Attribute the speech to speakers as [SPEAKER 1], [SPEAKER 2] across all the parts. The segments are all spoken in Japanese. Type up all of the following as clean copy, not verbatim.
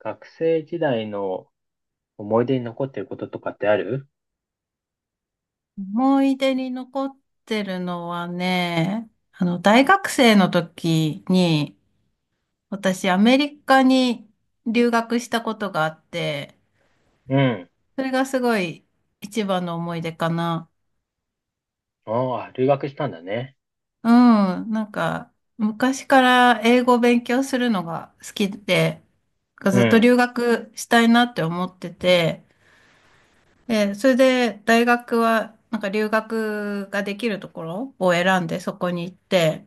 [SPEAKER 1] 学生時代の思い出に残ってることとかってある？
[SPEAKER 2] 思い出に残ってるのはね、大学生の時に、私、アメリカに留学したことがあって、
[SPEAKER 1] うん。
[SPEAKER 2] それがすごい一番の思い出かな。
[SPEAKER 1] ああ、留学したんだね。
[SPEAKER 2] うん、なんか、昔から英語を勉強するのが好きで、
[SPEAKER 1] う
[SPEAKER 2] ずっと
[SPEAKER 1] ん。
[SPEAKER 2] 留学したいなって思ってて、で、それで大学は、なんか留学ができるところを選んでそこに行って、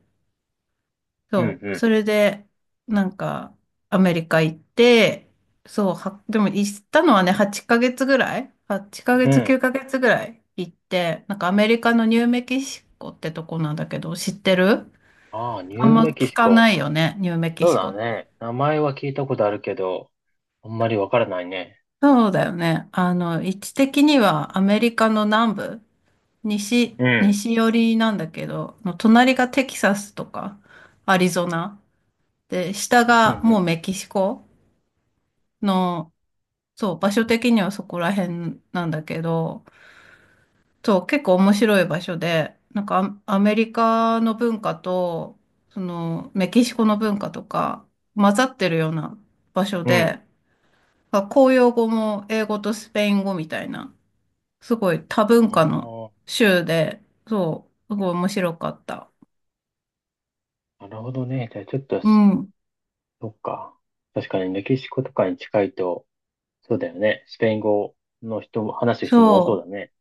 [SPEAKER 1] うん、
[SPEAKER 2] そう。
[SPEAKER 1] う
[SPEAKER 2] それで、なんか、アメリカ行って、そう、は、でも行ったのはね、8ヶ月ぐらい？ 8 ヶ
[SPEAKER 1] ん、う
[SPEAKER 2] 月、9
[SPEAKER 1] ん。
[SPEAKER 2] ヶ月ぐらい行って、なんかアメリカのニューメキシコってとこなんだけど、知ってる？
[SPEAKER 1] ああ、ニ
[SPEAKER 2] あ
[SPEAKER 1] ュ
[SPEAKER 2] ん
[SPEAKER 1] ー
[SPEAKER 2] ま
[SPEAKER 1] メキ
[SPEAKER 2] 聞
[SPEAKER 1] シ
[SPEAKER 2] か
[SPEAKER 1] コ。
[SPEAKER 2] ないよね、ニューメキ
[SPEAKER 1] そう
[SPEAKER 2] シコ
[SPEAKER 1] だ
[SPEAKER 2] って。
[SPEAKER 1] ね。名前は聞いたことあるけど、あんまりわからないね。
[SPEAKER 2] そうだよね。位置的にはアメリカの南部、西、
[SPEAKER 1] うん。
[SPEAKER 2] 西寄りなんだけど、の隣がテキサスとか、アリゾナ。で、下
[SPEAKER 1] う
[SPEAKER 2] がも
[SPEAKER 1] ん、
[SPEAKER 2] うメキシコの、そう、場所的にはそこら辺なんだけど、そう、結構面白い場所で、なんかアメリカの文化と、その、メキシコの文化とか、混ざってるような場所
[SPEAKER 1] うん、うん。
[SPEAKER 2] で、まあ公用語も英語とスペイン語みたいな、すごい多文化の
[SPEAKER 1] あ
[SPEAKER 2] 州で、そう、すごい面白かった。
[SPEAKER 1] あ、なるほどね。じゃあちょっと
[SPEAKER 2] う
[SPEAKER 1] す、
[SPEAKER 2] ん。
[SPEAKER 1] そっか。確かにメキシコとかに近いと、そうだよね。スペイン語の人も、話す人も多そう
[SPEAKER 2] そ
[SPEAKER 1] だね。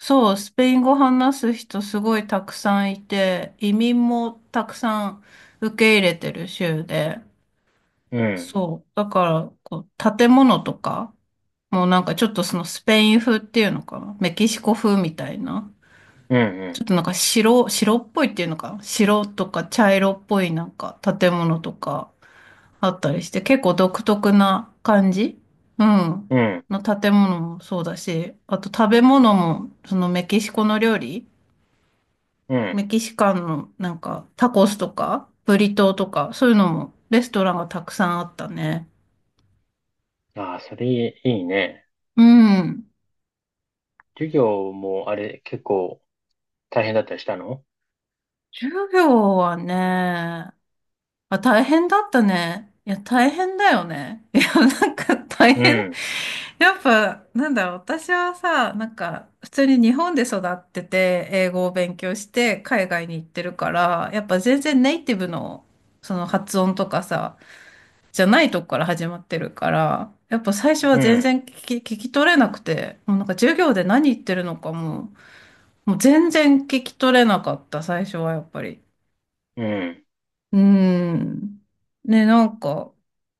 [SPEAKER 2] う、そう、スペイン語話す人すごいたくさんいて、移民もたくさん受け入れてる州で、
[SPEAKER 1] うん。
[SPEAKER 2] そう。だから、こう、建物とか、もうなんかちょっとそのスペイン風っていうのかな。メキシコ風みたいな。
[SPEAKER 1] う
[SPEAKER 2] ち
[SPEAKER 1] ん、
[SPEAKER 2] ょっとなんか白っぽいっていうのかな。白とか茶色っぽいなんか建物とかあったりして、結構独特な感じ。うん。
[SPEAKER 1] うん。うん、
[SPEAKER 2] の建物もそうだし、あと食べ物も、そのメキシコの料理、
[SPEAKER 1] うん。
[SPEAKER 2] メキシカンのなんかタコスとか、ブリトーとか、そういうのもレストランがたくさんあったね。
[SPEAKER 1] ああ、それいいね。
[SPEAKER 2] うん。
[SPEAKER 1] 授業もあれ結構大変だったりしたの？
[SPEAKER 2] 授業はね、まあ、大変だったね。いや、大変だよね。いや、なんか大
[SPEAKER 1] う
[SPEAKER 2] 変。
[SPEAKER 1] ん、
[SPEAKER 2] やっぱ、なんだろう、私はさ、なんか、普通に日本で育ってて、英語を勉強して、海外に行ってるから、やっぱ全然ネイティブの、その発音とかさ、じゃないとこから始まってるから、やっぱ最初は
[SPEAKER 1] う
[SPEAKER 2] 全
[SPEAKER 1] ん、
[SPEAKER 2] 然聞き取れなくて、もうなんか授業で何言ってるのかも、もう全然聞き取れなかった、最初はやっぱり。
[SPEAKER 1] うん。
[SPEAKER 2] うーん。ね、なんか、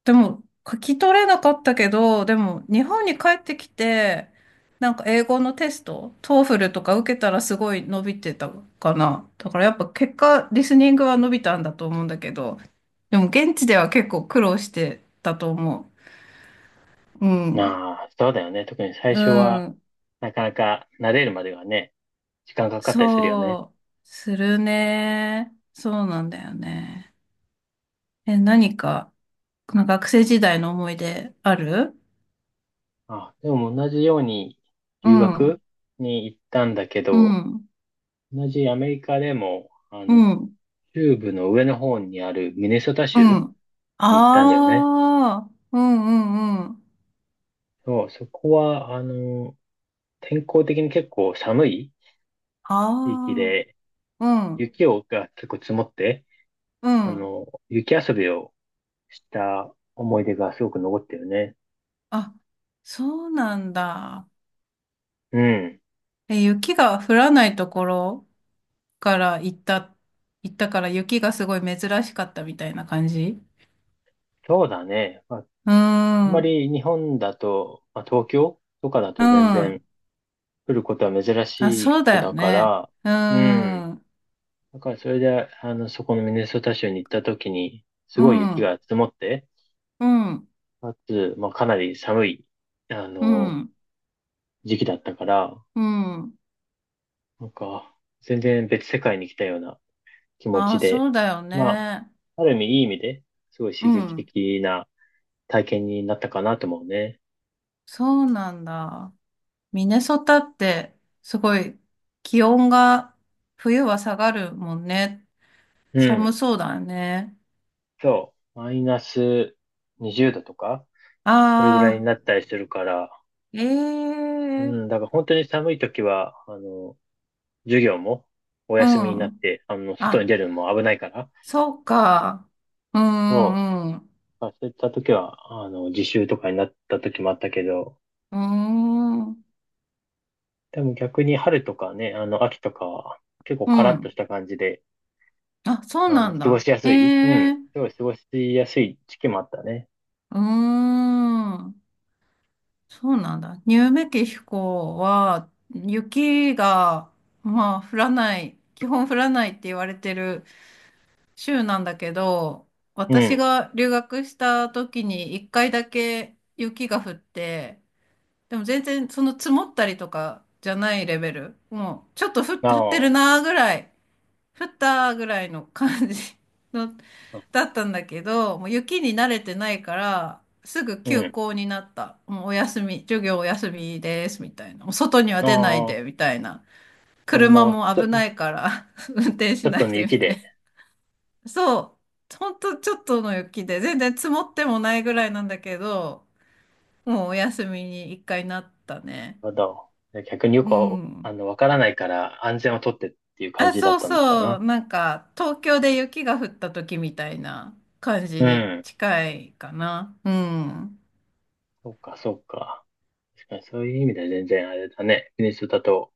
[SPEAKER 2] でも、書き取れなかったけど、でも、日本に帰ってきて、なんか英語のテスト、トーフルとか受けたらすごい伸びてたかな。だからやっぱ結果、リスニングは伸びたんだと思うんだけど、でも現地では結構苦労してたと思う。うん。
[SPEAKER 1] まあ、そうだよね。特に最
[SPEAKER 2] う
[SPEAKER 1] 初は、
[SPEAKER 2] ん。
[SPEAKER 1] なかなか慣れるまではね、時間かかったりするよね。
[SPEAKER 2] そう、するね。そうなんだよね。え、何か、この学生時代の思い出ある？
[SPEAKER 1] あ、でも同じように
[SPEAKER 2] う
[SPEAKER 1] 留
[SPEAKER 2] ん。
[SPEAKER 1] 学に行ったんだけ
[SPEAKER 2] う
[SPEAKER 1] ど、
[SPEAKER 2] ん、
[SPEAKER 1] 同じアメリカでも、
[SPEAKER 2] うん、
[SPEAKER 1] 中部の上の方にあるミネソタ
[SPEAKER 2] う
[SPEAKER 1] 州
[SPEAKER 2] ん。
[SPEAKER 1] に行ったんだよね。
[SPEAKER 2] ああ、うん、うん、うん。
[SPEAKER 1] そう、そこは、天候的に結構寒い
[SPEAKER 2] あ
[SPEAKER 1] 地域で、
[SPEAKER 2] あ、うん、
[SPEAKER 1] 雪をが結構積もって、
[SPEAKER 2] うん。
[SPEAKER 1] 雪遊びをした思い出がすごく残ってるね。
[SPEAKER 2] あ、そうなんだ。
[SPEAKER 1] うん。
[SPEAKER 2] え、雪が降らないところから行った、行ったから雪がすごい珍しかったみたいな感じ？
[SPEAKER 1] そうだね。まあ、
[SPEAKER 2] う
[SPEAKER 1] あん
[SPEAKER 2] ん、う
[SPEAKER 1] ま
[SPEAKER 2] ん。
[SPEAKER 1] り日本だと、まあ、東京とかだと全
[SPEAKER 2] あ、
[SPEAKER 1] 然来ることは珍しい
[SPEAKER 2] そ
[SPEAKER 1] こ
[SPEAKER 2] うだ
[SPEAKER 1] と
[SPEAKER 2] よ
[SPEAKER 1] だか
[SPEAKER 2] ね。
[SPEAKER 1] ら、
[SPEAKER 2] う
[SPEAKER 1] うん。
[SPEAKER 2] ん、うん、
[SPEAKER 1] だからそれで、そこのミネソタ州に行った時に、す
[SPEAKER 2] う
[SPEAKER 1] ごい雪
[SPEAKER 2] ん、
[SPEAKER 1] が積もって、
[SPEAKER 2] う
[SPEAKER 1] かつ、まあ、かなり寒い、あ
[SPEAKER 2] ん、
[SPEAKER 1] の、時期だったから、
[SPEAKER 2] うん。
[SPEAKER 1] なんか、全然別世界に来たような気持
[SPEAKER 2] あ
[SPEAKER 1] ち
[SPEAKER 2] あ、
[SPEAKER 1] で、
[SPEAKER 2] そうだよ
[SPEAKER 1] ま
[SPEAKER 2] ね。
[SPEAKER 1] あ、ある意味いい意味で、すごい
[SPEAKER 2] う
[SPEAKER 1] 刺激
[SPEAKER 2] ん、
[SPEAKER 1] 的な体験になったかなと思うね。
[SPEAKER 2] そうなんだ。ミネソタってすごい気温が冬は下がるもんね。
[SPEAKER 1] う
[SPEAKER 2] 寒
[SPEAKER 1] ん。
[SPEAKER 2] そうだね。
[SPEAKER 1] そう。マイナス20度とか、それぐらいに
[SPEAKER 2] ああ、
[SPEAKER 1] なったりするから、
[SPEAKER 2] え
[SPEAKER 1] う
[SPEAKER 2] え、
[SPEAKER 1] ん、だから本当に寒い時は、授業もお
[SPEAKER 2] う
[SPEAKER 1] 休みになっ
[SPEAKER 2] ん。
[SPEAKER 1] て、外
[SPEAKER 2] あ、
[SPEAKER 1] に出るのも危ないから、
[SPEAKER 2] そうか。う
[SPEAKER 1] そ
[SPEAKER 2] ん、うん、
[SPEAKER 1] う。そういった時は、自習とかになった時もあったけど、
[SPEAKER 2] うん。うーん。
[SPEAKER 1] でも逆に春とかね、秋とかは、結構
[SPEAKER 2] う
[SPEAKER 1] カラッと
[SPEAKER 2] ん。
[SPEAKER 1] した感じで、
[SPEAKER 2] あ、そうなん
[SPEAKER 1] 過ご
[SPEAKER 2] だ。
[SPEAKER 1] しや
[SPEAKER 2] え
[SPEAKER 1] すいうん。
[SPEAKER 2] え、
[SPEAKER 1] すごい過ごしやすい時期もあったね。
[SPEAKER 2] うーん。そうなんだ。ニューメキシコは雪が、まあ降らない、基本降らないって言われてる州なんだけど、
[SPEAKER 1] う
[SPEAKER 2] 私
[SPEAKER 1] ん。
[SPEAKER 2] が留学した時に一回だけ雪が降って、でも全然その積もったりとかじゃないレベル。もうちょっと降ってる
[SPEAKER 1] あ
[SPEAKER 2] なーぐらい、降ったーぐらいの感じ の、
[SPEAKER 1] あ、
[SPEAKER 2] だったんだけど、もう雪に慣れてないから、すぐ
[SPEAKER 1] う
[SPEAKER 2] 休
[SPEAKER 1] ん。
[SPEAKER 2] 校になった。もうお休み、授業お休みです、みたいな。もう外には出ない
[SPEAKER 1] あ
[SPEAKER 2] で、
[SPEAKER 1] あ、
[SPEAKER 2] みたいな。
[SPEAKER 1] ほん
[SPEAKER 2] 車
[SPEAKER 1] の、
[SPEAKER 2] も
[SPEAKER 1] ちょ、
[SPEAKER 2] 危
[SPEAKER 1] ち
[SPEAKER 2] ないから 運転し
[SPEAKER 1] ょっ
[SPEAKER 2] ない
[SPEAKER 1] との
[SPEAKER 2] で、み
[SPEAKER 1] 雪
[SPEAKER 2] たい
[SPEAKER 1] で、
[SPEAKER 2] な。そう、ほんとちょっとの雪で、全然積もってもないぐらいなんだけど、もうお休みに一回なったね。
[SPEAKER 1] まだ、逆によ
[SPEAKER 2] う
[SPEAKER 1] くわ、
[SPEAKER 2] ん。
[SPEAKER 1] わからないから安全をとってっていう感
[SPEAKER 2] あ、
[SPEAKER 1] じだっ
[SPEAKER 2] そう
[SPEAKER 1] たのか
[SPEAKER 2] そ
[SPEAKER 1] な。
[SPEAKER 2] う、なんか東京で雪が降った時みたいな感じ
[SPEAKER 1] う
[SPEAKER 2] に
[SPEAKER 1] ん。
[SPEAKER 2] 近いかな。うん。
[SPEAKER 1] そうか、そうか。確かにそういう意味では全然あれだね。国にだと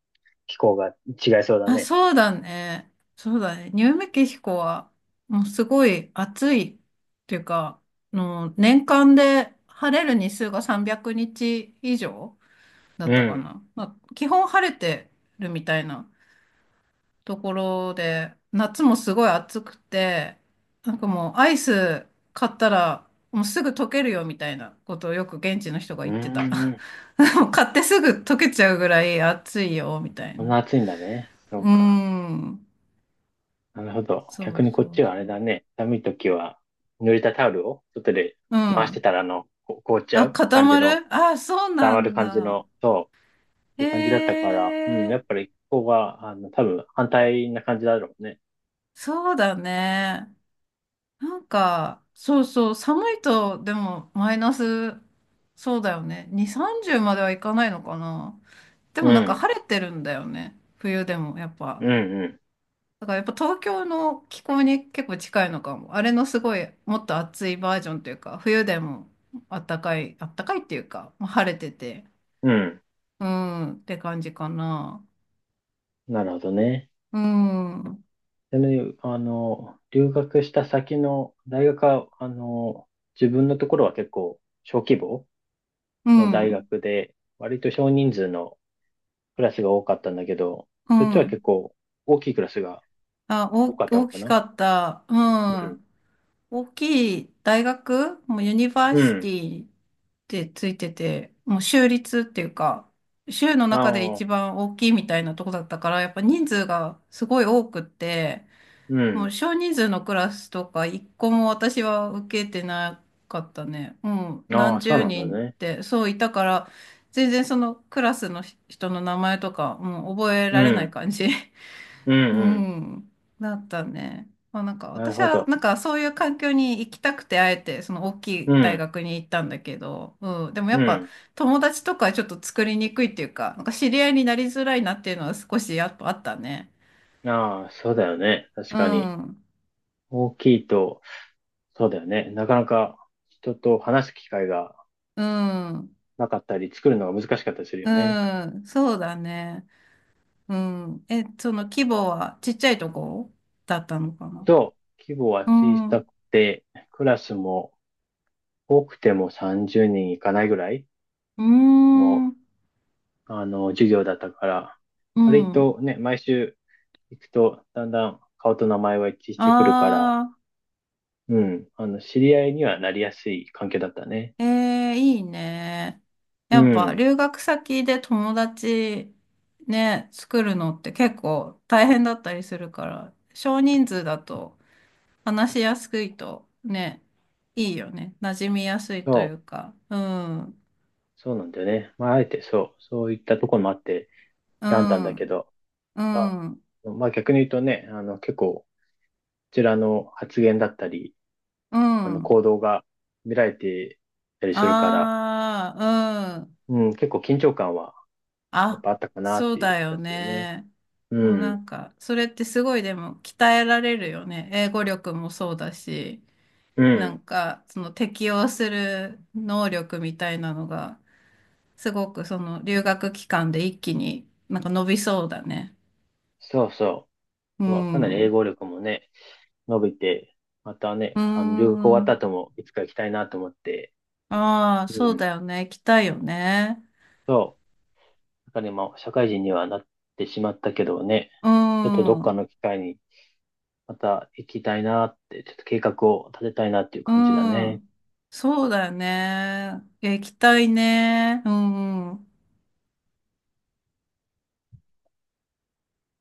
[SPEAKER 1] 気候が違いそうだ
[SPEAKER 2] あ、
[SPEAKER 1] ね。
[SPEAKER 2] そうだね。そうだね。ニューメキシコは、もうすごい暑いっていうか、あの年間で晴れる日数が300日以上だっ
[SPEAKER 1] う
[SPEAKER 2] たか
[SPEAKER 1] ん。
[SPEAKER 2] な。まあ、基本晴れてるみたいなところで、夏もすごい暑くて、なんかもうアイス買ったらもうすぐ溶けるよみたいなことをよく現地の人が
[SPEAKER 1] う
[SPEAKER 2] 言ってた。
[SPEAKER 1] ーん。
[SPEAKER 2] もう買ってすぐ溶けちゃうぐらい暑いよみたい
[SPEAKER 1] そん
[SPEAKER 2] な。
[SPEAKER 1] な暑いんだね。そ
[SPEAKER 2] うー
[SPEAKER 1] うか。
[SPEAKER 2] ん。
[SPEAKER 1] なるほど。
[SPEAKER 2] そ
[SPEAKER 1] 逆
[SPEAKER 2] う
[SPEAKER 1] にこ
[SPEAKER 2] そ
[SPEAKER 1] っ
[SPEAKER 2] う
[SPEAKER 1] ちはあれ
[SPEAKER 2] そう。
[SPEAKER 1] だね。寒い時は、濡れたタオルを外で
[SPEAKER 2] う
[SPEAKER 1] 回して
[SPEAKER 2] ん。
[SPEAKER 1] たら、こ凍っちゃ
[SPEAKER 2] あ、
[SPEAKER 1] う
[SPEAKER 2] 固
[SPEAKER 1] 感じ
[SPEAKER 2] ま
[SPEAKER 1] の、
[SPEAKER 2] る？あ、そう
[SPEAKER 1] 溜
[SPEAKER 2] な
[SPEAKER 1] まる
[SPEAKER 2] ん
[SPEAKER 1] 感じ
[SPEAKER 2] だ。
[SPEAKER 1] の、そう、そうい
[SPEAKER 2] へ
[SPEAKER 1] う感じだったから、うん、
[SPEAKER 2] え、
[SPEAKER 1] やっぱりここが、多分反対な感じだろうね。
[SPEAKER 2] そうだね。なんか、そうそう、寒いと、でも、マイナス、そうだよね。2、30まではいかないのかな。で
[SPEAKER 1] う
[SPEAKER 2] もなんか
[SPEAKER 1] ん、
[SPEAKER 2] 晴れてるんだよね。冬でも、やっ
[SPEAKER 1] う
[SPEAKER 2] ぱ。
[SPEAKER 1] ん、
[SPEAKER 2] だからやっぱ東京の気候に結構近いのかも。あれのすごい、もっと暑いバージョンというか、冬でもあったかい、あったかいっていうか、まあ晴れてて、
[SPEAKER 1] うん、うん。
[SPEAKER 2] うん、って感じかな。
[SPEAKER 1] なるほどね。
[SPEAKER 2] うん、うん、
[SPEAKER 1] でね、留学した先の大学は、自分のところは結構小規模の大
[SPEAKER 2] う
[SPEAKER 1] 学で、割と少人数のクラスが多かったんだけど、そっちは結
[SPEAKER 2] ん。
[SPEAKER 1] 構大きいクラスが
[SPEAKER 2] あ、
[SPEAKER 1] 多
[SPEAKER 2] 大、
[SPEAKER 1] かったの
[SPEAKER 2] 大
[SPEAKER 1] か
[SPEAKER 2] き
[SPEAKER 1] な？
[SPEAKER 2] かった。う
[SPEAKER 1] うん。
[SPEAKER 2] ん。大きい大学、もうユニバー
[SPEAKER 1] う
[SPEAKER 2] シ
[SPEAKER 1] ん。
[SPEAKER 2] ティってついてて、もう州立っていうか、州の中で
[SPEAKER 1] あ
[SPEAKER 2] 一
[SPEAKER 1] あ、
[SPEAKER 2] 番大きいみたいなとこだったから、やっぱ人数がすごい多くって、
[SPEAKER 1] う
[SPEAKER 2] も
[SPEAKER 1] ん。
[SPEAKER 2] う少人数のクラスとか一個も私は受けてなかったね。うん、
[SPEAKER 1] あ
[SPEAKER 2] 何
[SPEAKER 1] あ、そう
[SPEAKER 2] 十
[SPEAKER 1] なんだ
[SPEAKER 2] 人っ
[SPEAKER 1] ね。
[SPEAKER 2] てそういたから、全然そのクラスの人の名前とか、もう覚え
[SPEAKER 1] う
[SPEAKER 2] られない
[SPEAKER 1] ん。
[SPEAKER 2] 感じ。
[SPEAKER 1] うん、
[SPEAKER 2] う
[SPEAKER 1] うん。
[SPEAKER 2] ん、だったね。まあ、なんか
[SPEAKER 1] なる
[SPEAKER 2] 私
[SPEAKER 1] ほ
[SPEAKER 2] は
[SPEAKER 1] ど。
[SPEAKER 2] なんかそういう環境に行きたくてあえてその大き
[SPEAKER 1] う
[SPEAKER 2] い大
[SPEAKER 1] ん。
[SPEAKER 2] 学に行ったんだけど、うん、でもや
[SPEAKER 1] う
[SPEAKER 2] っぱ
[SPEAKER 1] ん。
[SPEAKER 2] 友達とかちょっと作りにくいっていうか、なんか知り合いになりづらいなっていうのは少しやっぱあったね。
[SPEAKER 1] ああ、そうだよね。確
[SPEAKER 2] う
[SPEAKER 1] かに。
[SPEAKER 2] ん、
[SPEAKER 1] 大きいと、そうだよね。なかなか人と話す機会が
[SPEAKER 2] うん、
[SPEAKER 1] なかったり、作るのが難しかったりするよね。
[SPEAKER 2] うん、そうだね。うん。え、その規模はちっちゃいとこだったのかな？
[SPEAKER 1] そう。規模は
[SPEAKER 2] う
[SPEAKER 1] 小
[SPEAKER 2] ん、う
[SPEAKER 1] さくて、クラスも多くても30人いかないぐらい
[SPEAKER 2] ー
[SPEAKER 1] の
[SPEAKER 2] ん、
[SPEAKER 1] 授業だったから、
[SPEAKER 2] う
[SPEAKER 1] 割
[SPEAKER 2] ん。
[SPEAKER 1] とね、毎週行くと、だんだん顔と名前は一致してくるから、
[SPEAKER 2] あ。
[SPEAKER 1] うん、知り合いにはなりやすい関係だったね。
[SPEAKER 2] ええ、いいね。
[SPEAKER 1] う
[SPEAKER 2] やっぱ
[SPEAKER 1] ん、
[SPEAKER 2] 留学先で友達ね、作るのって結構大変だったりするから、少人数だと話しやすいとね、いいよね。馴染みやすいと
[SPEAKER 1] そ
[SPEAKER 2] い
[SPEAKER 1] う、
[SPEAKER 2] うか。うん、
[SPEAKER 1] そうなんだよね。まあ、あえてそう、そういったところもあって
[SPEAKER 2] う
[SPEAKER 1] 選んだんだけ
[SPEAKER 2] ん、
[SPEAKER 1] ど、
[SPEAKER 2] う
[SPEAKER 1] まあ
[SPEAKER 2] ん、う
[SPEAKER 1] まあ逆に言うとね、結構、こちらの発言だったり、
[SPEAKER 2] ん。
[SPEAKER 1] 行動が見られてたりするから、
[SPEAKER 2] ああ、うん。
[SPEAKER 1] うん、結構緊張感はやっ
[SPEAKER 2] あ、
[SPEAKER 1] ぱあったかなっ
[SPEAKER 2] そう
[SPEAKER 1] ていう
[SPEAKER 2] だ
[SPEAKER 1] 気
[SPEAKER 2] よ
[SPEAKER 1] がするね。
[SPEAKER 2] ね。
[SPEAKER 1] う
[SPEAKER 2] でもな
[SPEAKER 1] ん、
[SPEAKER 2] んか、それってすごいでも鍛えられるよね。英語力もそうだし。
[SPEAKER 1] う
[SPEAKER 2] な
[SPEAKER 1] ん、
[SPEAKER 2] んか、その適応する能力みたいなのが、すごくその留学期間で一気になんか伸びそうだね。
[SPEAKER 1] そうそ
[SPEAKER 2] う
[SPEAKER 1] う。はかなり
[SPEAKER 2] ん。
[SPEAKER 1] 英
[SPEAKER 2] う
[SPEAKER 1] 語力もね、伸びて、またね、
[SPEAKER 2] ー
[SPEAKER 1] 留学終わった
[SPEAKER 2] ん。
[SPEAKER 1] 後もいつか行きたいなと思って、
[SPEAKER 2] ああ、そ
[SPEAKER 1] う
[SPEAKER 2] う
[SPEAKER 1] ん。
[SPEAKER 2] だよね。行きたいよね。
[SPEAKER 1] そう。だから今、社会人にはなってしまったけどね、
[SPEAKER 2] う
[SPEAKER 1] ちょっとどっか
[SPEAKER 2] ん。
[SPEAKER 1] の機会にまた行きたいなって、ちょっと計画を立てたいなっていう
[SPEAKER 2] う
[SPEAKER 1] 感じだね。
[SPEAKER 2] ん。そうだよね。いや行きたいね。うん。